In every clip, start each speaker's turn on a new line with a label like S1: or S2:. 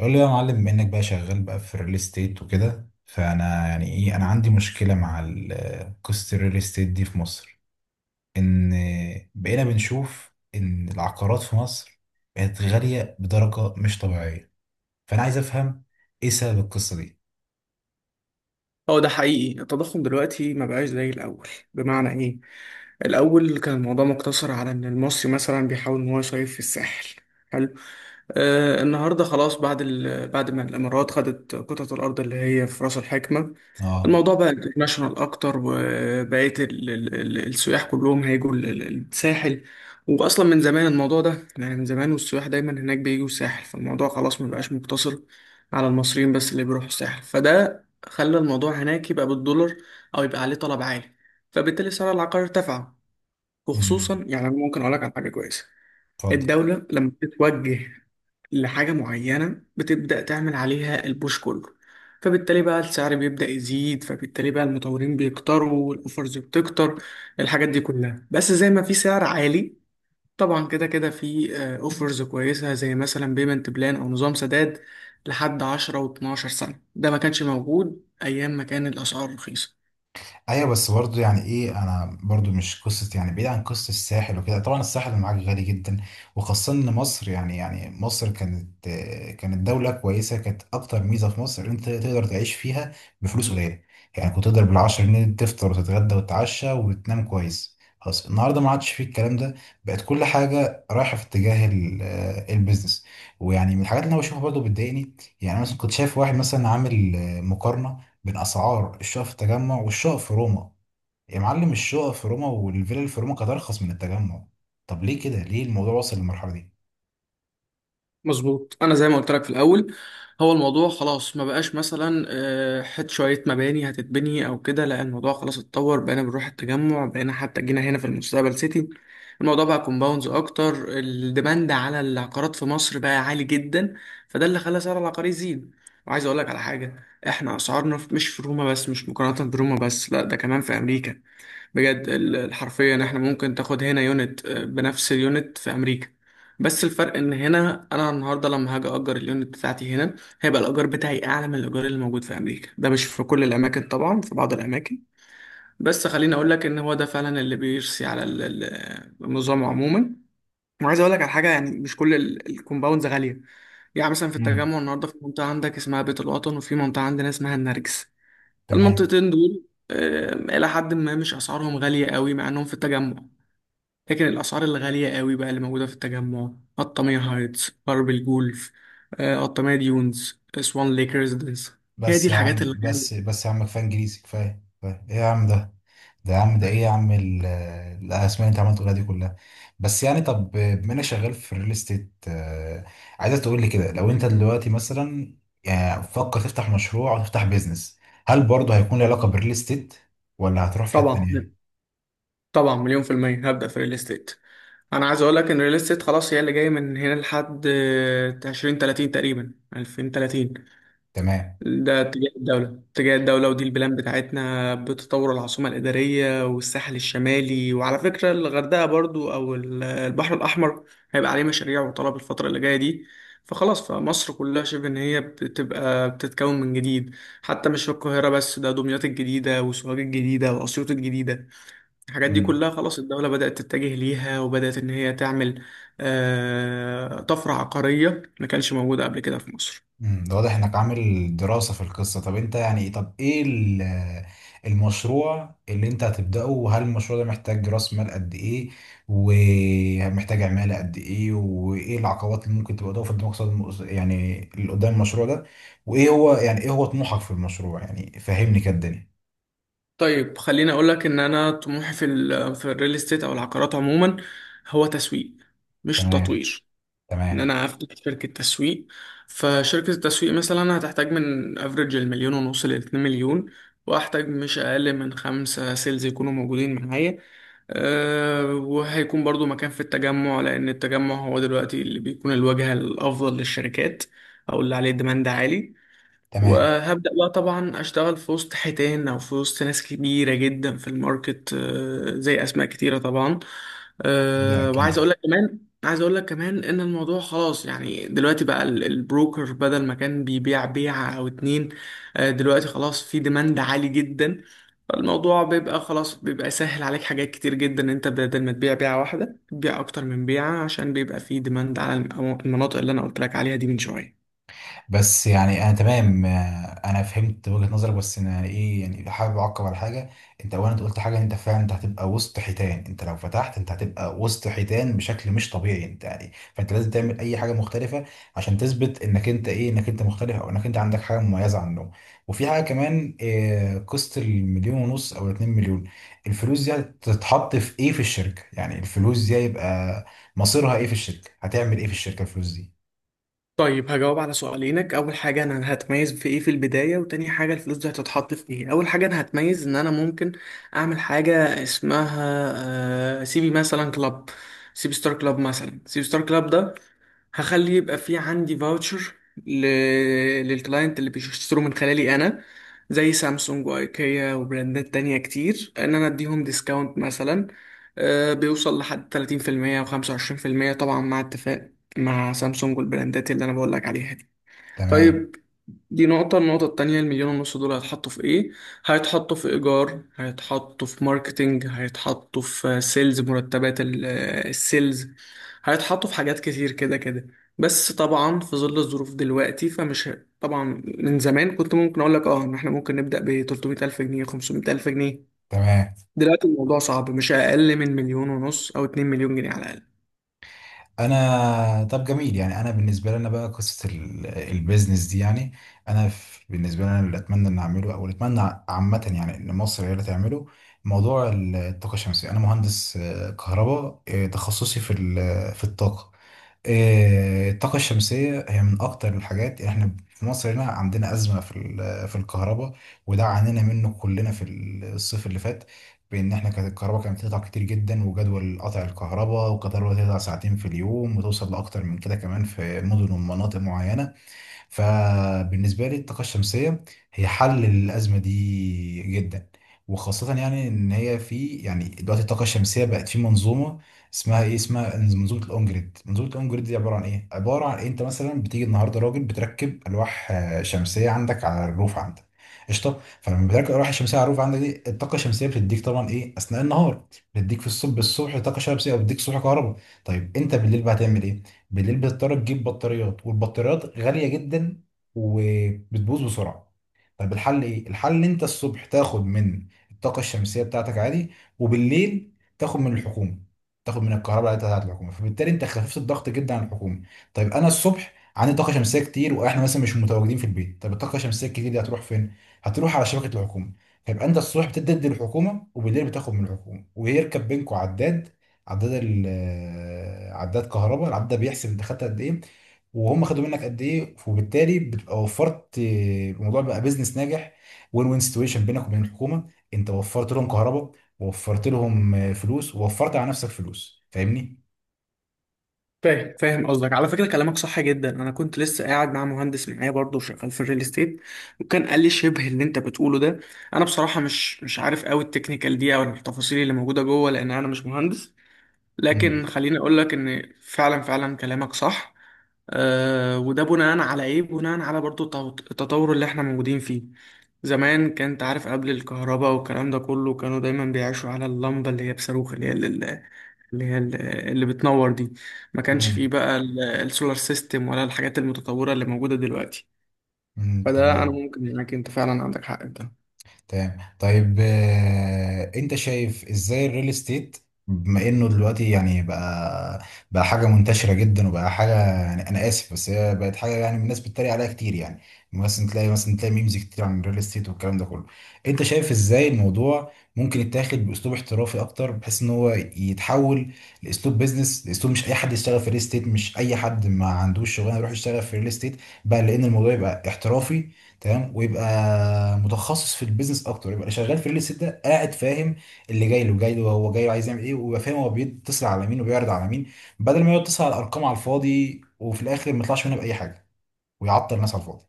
S1: قول لي يا معلم، بما انك بقى شغال بقى في الريل استيت وكده، فانا يعني ايه انا عندي مشكله مع قصه الريل استيت دي في مصر. ان بقينا بنشوف ان العقارات في مصر بقت غاليه بدرجه مش طبيعيه، فانا عايز افهم ايه سبب القصه دي.
S2: هو ده حقيقي التضخم دلوقتي ما بقاش زي الأول. بمعنى إيه؟ الأول كان الموضوع مقتصر على إن المصري مثلا بيحاول إن هو يصيف في الساحل. حلو. النهاردة خلاص بعد ما الإمارات خدت قطعة الأرض اللي هي في رأس الحكمة.
S1: اه.
S2: الموضوع بقى انترناشونال اكتر، وبقيت السياح كلهم هيجوا الساحل. واصلا من زمان الموضوع ده، يعني من زمان والسياح دايما هناك بيجوا الساحل، فالموضوع خلاص ما بقاش مقتصر على المصريين بس اللي بيروحوا الساحل، فده خلى الموضوع هناك يبقى بالدولار او يبقى عليه طلب عالي، فبالتالي سعر العقار ارتفع.
S1: امم.
S2: وخصوصا يعني أنا ممكن اقول لك على حاجه كويسه.
S1: اتفضل.
S2: الدوله لما بتتوجه لحاجة معينة بتبدأ تعمل عليها البوش كله، فبالتالي بقى السعر بيبدأ يزيد، فبالتالي بقى المطورين بيكتروا والأوفرز بتكتر. الحاجات دي كلها بس زي ما في سعر عالي، طبعا كده كده في أوفرز كويسة، زي مثلا بيمنت بلان أو نظام سداد لحد 10 و12 سنة، ده ما كانش موجود أيام ما كان الأسعار رخيصة.
S1: ايوه، بس برضه يعني ايه، انا برضه مش قصه يعني، بعيد عن قصه الساحل وكده. طبعا الساحل اللي معاك غالي جدا، وخاصه ان مصر، يعني مصر كانت، كانت دوله كويسه. كانت اكتر ميزه في مصر إن انت تقدر تعيش فيها بفلوس قليله. يعني كنت تقدر بال 10 جنيه تفطر وتتغدى وتتعشى وتنام كويس. خلاص النهارده ما عادش فيه الكلام ده، بقت كل حاجه رايحه في اتجاه البيزنس. ويعني من الحاجات اللي انا بشوفها برضه بتضايقني، يعني انا مثلا كنت شايف واحد مثلا عامل مقارنه من اسعار الشقق في التجمع والشقق في روما. يا معلم الشقق في روما والفيلا اللي في روما كانت ارخص من التجمع. طب ليه كده؟ ليه الموضوع وصل للمرحله دي؟
S2: مظبوط، انا زي ما قلت لك في الاول، هو الموضوع خلاص ما بقاش مثلا شويه مباني هتتبني او كده، لا، الموضوع خلاص اتطور، بقينا بنروح التجمع، بقينا حتى جينا هنا في المستقبل سيتي. الموضوع بقى كومباوندز اكتر، الديماند على العقارات في مصر بقى عالي جدا، فده اللي خلى سعر العقار يزيد. وعايز اقول لك على حاجه، احنا اسعارنا مش في روما بس، مش مقارنه بروما بس، لا ده كمان في امريكا. بجد حرفيا احنا ممكن تاخد هنا يونت، بنفس اليونت في امريكا، بس الفرق ان هنا انا النهارده لما هاجي اجر اليونت بتاعتي هنا، هيبقى الايجار بتاعي اعلى من الايجار اللي موجود في امريكا. ده مش في كل الاماكن طبعا، في بعض الاماكن، بس خليني اقول لك ان هو ده فعلا اللي بيرسي على النظام عموما. وعايز اقول لك على حاجه، يعني مش كل الكومباوندز غاليه، يعني مثلا في
S1: امم.
S2: التجمع النهارده في منطقه عندك اسمها بيت الوطن، وفي منطقه عندنا اسمها النرجس.
S1: تمام.
S2: المنطقتين دول إلى حد ما مش أسعارهم غالية قوي، مع إنهم في التجمع. لكن الأسعار الغالية قوي بقى اللي موجودة في التجمع، قطامية هايتس، غرب الجولف، قطامية ديونز، سوان ليك ريزيدنس. هي دي
S1: بس يا
S2: الحاجات
S1: عم،
S2: اللي
S1: بس بس يا عم، كفايه انجليزي، كفايه كفايه ايه يا عم ده؟ ده يا عم، ده ايه يا عم الاسماء اللي انت عمال تقولها دي كلها؟ بس يعني، طب بما انا شغال في الريل استيت، عايزك تقول لي كده، لو انت دلوقتي مثلا يعني فكر تفتح مشروع او تفتح بيزنس، هل برضه هيكون له علاقه بالريل استيت، ولا هتروح في حته
S2: طبعا.
S1: تانيه؟
S2: طبعا مليون في المية هبدأ في الريل استيت. أنا عايز أقول لك إن الريل استيت خلاص هي اللي جاية من هنا لحد عشرين تلاتين تقريبا، ألفين تلاتين.
S1: تمام.
S2: ده اتجاه الدولة، اتجاه الدولة، ودي البلان بتاعتنا بتطور العاصمة الإدارية والساحل الشمالي، وعلى فكرة الغردقة برضو أو البحر الأحمر هيبقى عليه مشاريع وطلب الفترة اللي جاية دي. فخلاص فمصر كلها شبه إن هي بتبقى بتتكون من جديد، حتى مش القاهرة بس، ده دمياط الجديدة وسوهاج الجديدة وأسيوط الجديدة. الحاجات دي
S1: امم.
S2: كلها خلاص الدولة بدأت تتجه ليها، وبدأت إن هي تعمل طفرة عقارية ما كانش موجودة قبل كده في مصر.
S1: ده واضح انك عامل دراسة في القصة. طب انت يعني، طب ايه المشروع اللي انت هتبدأه؟ وهل المشروع ده محتاج رأس مال قد ايه، ومحتاج عمالة قد ايه، وايه العقبات اللي ممكن تبقى قدامك في المقصد يعني اللي قدام المشروع ده؟ وايه هو يعني ايه هو طموحك في المشروع؟ يعني فهمني كده الدنيا.
S2: طيب خليني اقول لك ان انا طموحي في الريل استيت او العقارات عموما، هو تسويق، مش
S1: تمام.
S2: تطوير. ان
S1: تمام.
S2: انا افتح شركه تسويق، فشركه التسويق مثلا هتحتاج من افريج المليون ونص لاتنين مليون، واحتاج مش اقل من خمسه سيلز يكونوا موجودين معايا. أه، وهيكون برضو مكان في التجمع، لان التجمع هو دلوقتي اللي بيكون الواجهه الافضل للشركات، او اللي عليه ديماند عالي.
S1: تمام.
S2: وهبدأ بقى طبعا أشتغل في وسط حيتان، أو في وسط ناس كبيرة جدا في الماركت، زي أسماء كتيرة طبعا.
S1: ده
S2: آه، وعايز
S1: اكيد.
S2: أقول لك كمان عايز أقول لك كمان إن الموضوع خلاص، يعني دلوقتي بقى البروكر بدل ما كان بيبيع بيعة أو اتنين، دلوقتي خلاص في ديماند عالي جدا، فالموضوع بيبقى خلاص، بيبقى سهل عليك حاجات كتير جدا، أنت بدل ما تبيع بيعة واحدة تبيع أكتر من بيعة، عشان بيبقى في ديماند على المناطق اللي أنا قلت لك عليها دي من شوية.
S1: بس يعني انا تمام، انا فهمت وجهة نظرك، بس انا ايه يعني، لو حابب اعقب على حاجه، انت اولا أنت قلت حاجه، انت فعلا انت هتبقى وسط حيتان، انت لو فتحت انت هتبقى وسط حيتان بشكل مش طبيعي، انت يعني فانت لازم تعمل اي حاجه مختلفه عشان تثبت انك انت ايه، انك انت مختلف او انك انت عندك حاجه مميزه عنهم. وفي حاجه كمان، قصه المليون ونص او الاتنين مليون، الفلوس دي هتتحط في ايه في الشركه؟ يعني الفلوس دي هيبقى مصيرها ايه في الشركه؟ هتعمل ايه في الشركه الفلوس دي؟
S2: طيب هجاوب على سؤالينك، اول حاجه انا هتميز في ايه في البدايه، وتاني حاجه الفلوس دي هتتحط في ايه. اول حاجه انا هتميز ان انا ممكن اعمل حاجه اسمها سيبي مثلا كلاب، سيبي ستار كلاب، مثلا سيبي ستار كلاب ده هخلي يبقى في عندي فاوتشر ل... للكلاينت اللي بيشتروا من خلالي انا، زي سامسونج وايكيا وبراندات تانية كتير، ان انا اديهم ديسكاونت مثلا بيوصل لحد 30% و25%، طبعا مع اتفاق مع سامسونج والبراندات اللي انا بقول لك عليها دي.
S1: تمام.
S2: طيب، دي نقطة. النقطة التانية، المليون ونص دول هيتحطوا في ايه؟ هيتحطوا في ايجار، هيتحطوا في ماركتينج، هيتحطوا في سيلز، مرتبات السيلز، هيتحطوا في حاجات كتير كده كده. بس طبعا في ظل الظروف دلوقتي طبعا من زمان كنت ممكن اقول لك اه ان احنا ممكن نبدأ ب 300 الف جنيه، 500 الف جنيه.
S1: تمام.
S2: دلوقتي الموضوع صعب، مش اقل من مليون ونص او 2 مليون جنيه على الاقل.
S1: انا طب جميل، يعني انا بالنسبه لنا بقى قصه البيزنس دي، يعني انا بالنسبه لنا اللي اتمنى ان اعمله او اللي اتمنى عامه، يعني ان مصر هي اللي تعمله، موضوع الطاقه الشمسيه. انا مهندس كهرباء، تخصصي في في الطاقه. الطاقة الشمسية هي من أكتر الحاجات، يعني إحنا في مصر هنا عندنا أزمة في في الكهرباء، وده عانينا منه كلنا في الصيف اللي فات. بإن إحنا كانت الكهرباء كانت بتقطع كتير جدا، وجدول قطع الكهرباء والكهرباء تقطع ساعتين في اليوم وتوصل لأكتر من كده كمان في مدن ومناطق معينة. فبالنسبة لي الطاقة الشمسية هي حل للأزمة دي جدا، وخاصة يعني إن هي في يعني دلوقتي الطاقة الشمسية بقت في منظومة اسمها إيه، اسمها منظومة الأون جريد. منظومة الأون جريد دي عبارة عن إيه؟ عبارة عن إيه، أنت مثلا بتيجي النهاردة راجل بتركب ألواح شمسية عندك على الروف عندك، قشطة. فلما بتركب الألواح الشمسية على الروف عندك دي، الطاقة الشمسية بتديك طبعا إيه أثناء النهار، بتديك في الصبح، بالصبح طاقة شمسية، أو بتديك الصبح كهرباء. طيب أنت بالليل بقى هتعمل إيه؟ بالليل بتضطر تجيب بطاريات، والبطاريات غالية جدا وبتبوظ بسرعة. طب الحل ايه؟ الحل انت الصبح تاخد من الطاقة الشمسية بتاعتك عادي، وبالليل تاخد من الحكومة، تاخد من الكهرباء بتاعت الحكومة. فبالتالي انت خففت الضغط جدا عن الحكومة. طيب انا الصبح عندي طاقة شمسية كتير واحنا مثلا مش متواجدين في البيت، طب الطاقة الشمسية الكتير دي هتروح فين؟ هتروح على شبكة الحكومة. فيبقى انت الصبح بتدي للحكومة وبالليل بتاخد من الحكومة، ويركب بينكوا عداد، عداد ال عداد كهرباء. العداد ده بيحسب انت خدت قد ايه وهم خدوا منك قد ايه، وبالتالي بتبقى وفرت، الموضوع بقى بيزنس ناجح. وين وين سيتويشن بينك وبين الحكومه، انت وفرت لهم كهرباء ووفرت لهم فلوس ووفرت على نفسك فلوس. فاهمني؟
S2: فاهم، فاهم قصدك. على فكره كلامك صح جدا، انا كنت لسه قاعد مع مهندس معايا برضه شغال في الريل استيت، وكان قال لي شبه اللي انت بتقوله ده. انا بصراحه مش عارف قوي التكنيكال دي او التفاصيل اللي موجوده جوه، لان انا مش مهندس،
S1: امم.
S2: لكن خليني اقول لك ان فعلا فعلا كلامك صح. وده بناء على ايه؟ بناء على برضو التطور اللي احنا موجودين فيه. زمان كان انت عارف قبل الكهرباء والكلام ده كله، كانوا دايما بيعيشوا على اللمبه اللي هي بصاروخ، اللي هي اللي اللي هي ال- اللي بتنور دي. ما كانش فيه
S1: امم.
S2: بقى السولار سيستم، ولا الحاجات المتطوره اللي موجوده دلوقتي. فده، انا
S1: تمام.
S2: ممكن معاك، انت فعلا عندك حق في ده.
S1: تمام، طيب انت شايف ازاي الريل استيت، بما انه دلوقتي يعني بقى حاجه منتشره جدا، وبقى حاجه، يعني انا اسف بس هي بقت حاجه يعني الناس بتتريق عليها كتير. يعني مثلا تلاقي مثلا تلاقي ميمز كتير عن الريل استيت والكلام ده كله. انت شايف ازاي الموضوع ممكن يتاخد باسلوب احترافي اكتر، بحيث ان هو يتحول لاسلوب بيزنس، لاسلوب مش اي حد يشتغل في الريل استيت، مش اي حد ما عندوش شغلانه يروح يشتغل في الريل استيت بقى، لان الموضوع يبقى احترافي، تمام، ويبقى متخصص في البيزنس اكتر. يبقى اللي شغال في الريل استيت ده قاعد فاهم، اللي جاي له هو جاي له عايز يعمل ايه، ويبقى فاهم هو بيتصل على مين وبيعرض على مين، بدل ما يقعد يتصل على الارقام على الفاضي وفي الاخر ما يطلعش منها باي حاجه ويعطل الناس على الفاضي.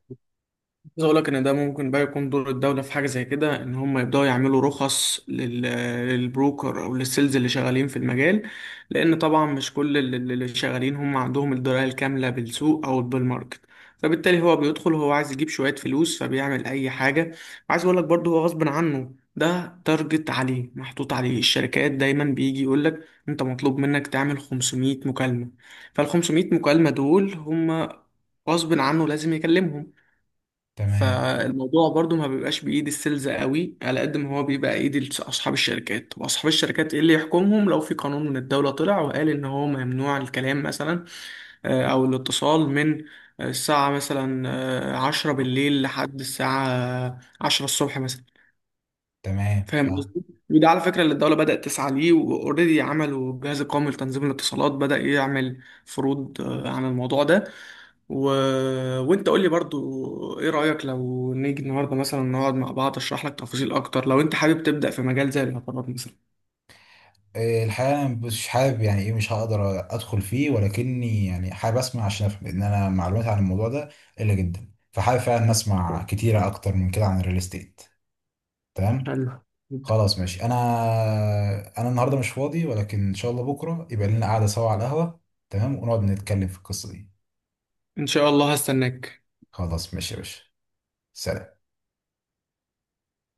S2: عايز اقول لك ان ده ممكن بقى يكون دور الدوله في حاجه زي كده، ان هم يبداوا يعملوا رخص للبروكر او للسيلز اللي شغالين في المجال، لان طبعا مش كل اللي شغالين هم عندهم الدرايه الكامله بالسوق او بالماركت، فبالتالي هو بيدخل، هو عايز يجيب شويه فلوس، فبيعمل اي حاجه. عايز اقول لك برضه هو غصب عنه، ده تارجت عليه، محطوط عليه، الشركات دايما بيجي يقول لك انت مطلوب منك تعمل 500 مكالمه، فال 500 مكالمه دول هم غصب عنه لازم يكلمهم.
S1: تمام.
S2: فالموضوع برضو ما بيبقاش بإيد السيلز قوي، على قد ما هو بيبقى إيد أصحاب الشركات، وأصحاب الشركات إيه اللي يحكمهم؟ لو في قانون من الدولة طلع وقال إن هو ممنوع الكلام مثلا، أو الاتصال من الساعة مثلا عشرة بالليل لحد الساعة عشرة الصبح مثلا.
S1: تمام.
S2: فاهم
S1: فاهم.
S2: قصدي؟ وده على فكرة اللي الدولة بدأت تسعى ليه، وأوريدي عملوا الجهاز القومي لتنظيم الاتصالات بدأ يعمل فروض عن الموضوع ده، و... وأنت قول لي برضو إيه رأيك، لو نيجي النهاردة مثلا نقعد مع بعض أشرح لك تفاصيل أكتر لو أنت حابب تبدأ في مجال زي الاعتبارات مثلا.
S1: إيه، الحقيقه انا مش حابب يعني ايه، مش هقدر ادخل فيه، ولكني يعني حابب اسمع عشان افهم، لان انا معلوماتي عن الموضوع ده قليله جدا، فحابب فعلا اسمع كتيره اكتر من كده عن الريل استيت. تمام.
S2: حلو جدا.
S1: خلاص ماشي، انا النهارده مش فاضي، ولكن ان شاء الله بكره يبقى لنا قعده سوا على القهوه. تمام ونقعد نتكلم في القصه دي.
S2: إن شاء الله هستناك.
S1: خلاص ماشي يا باشا. سلام.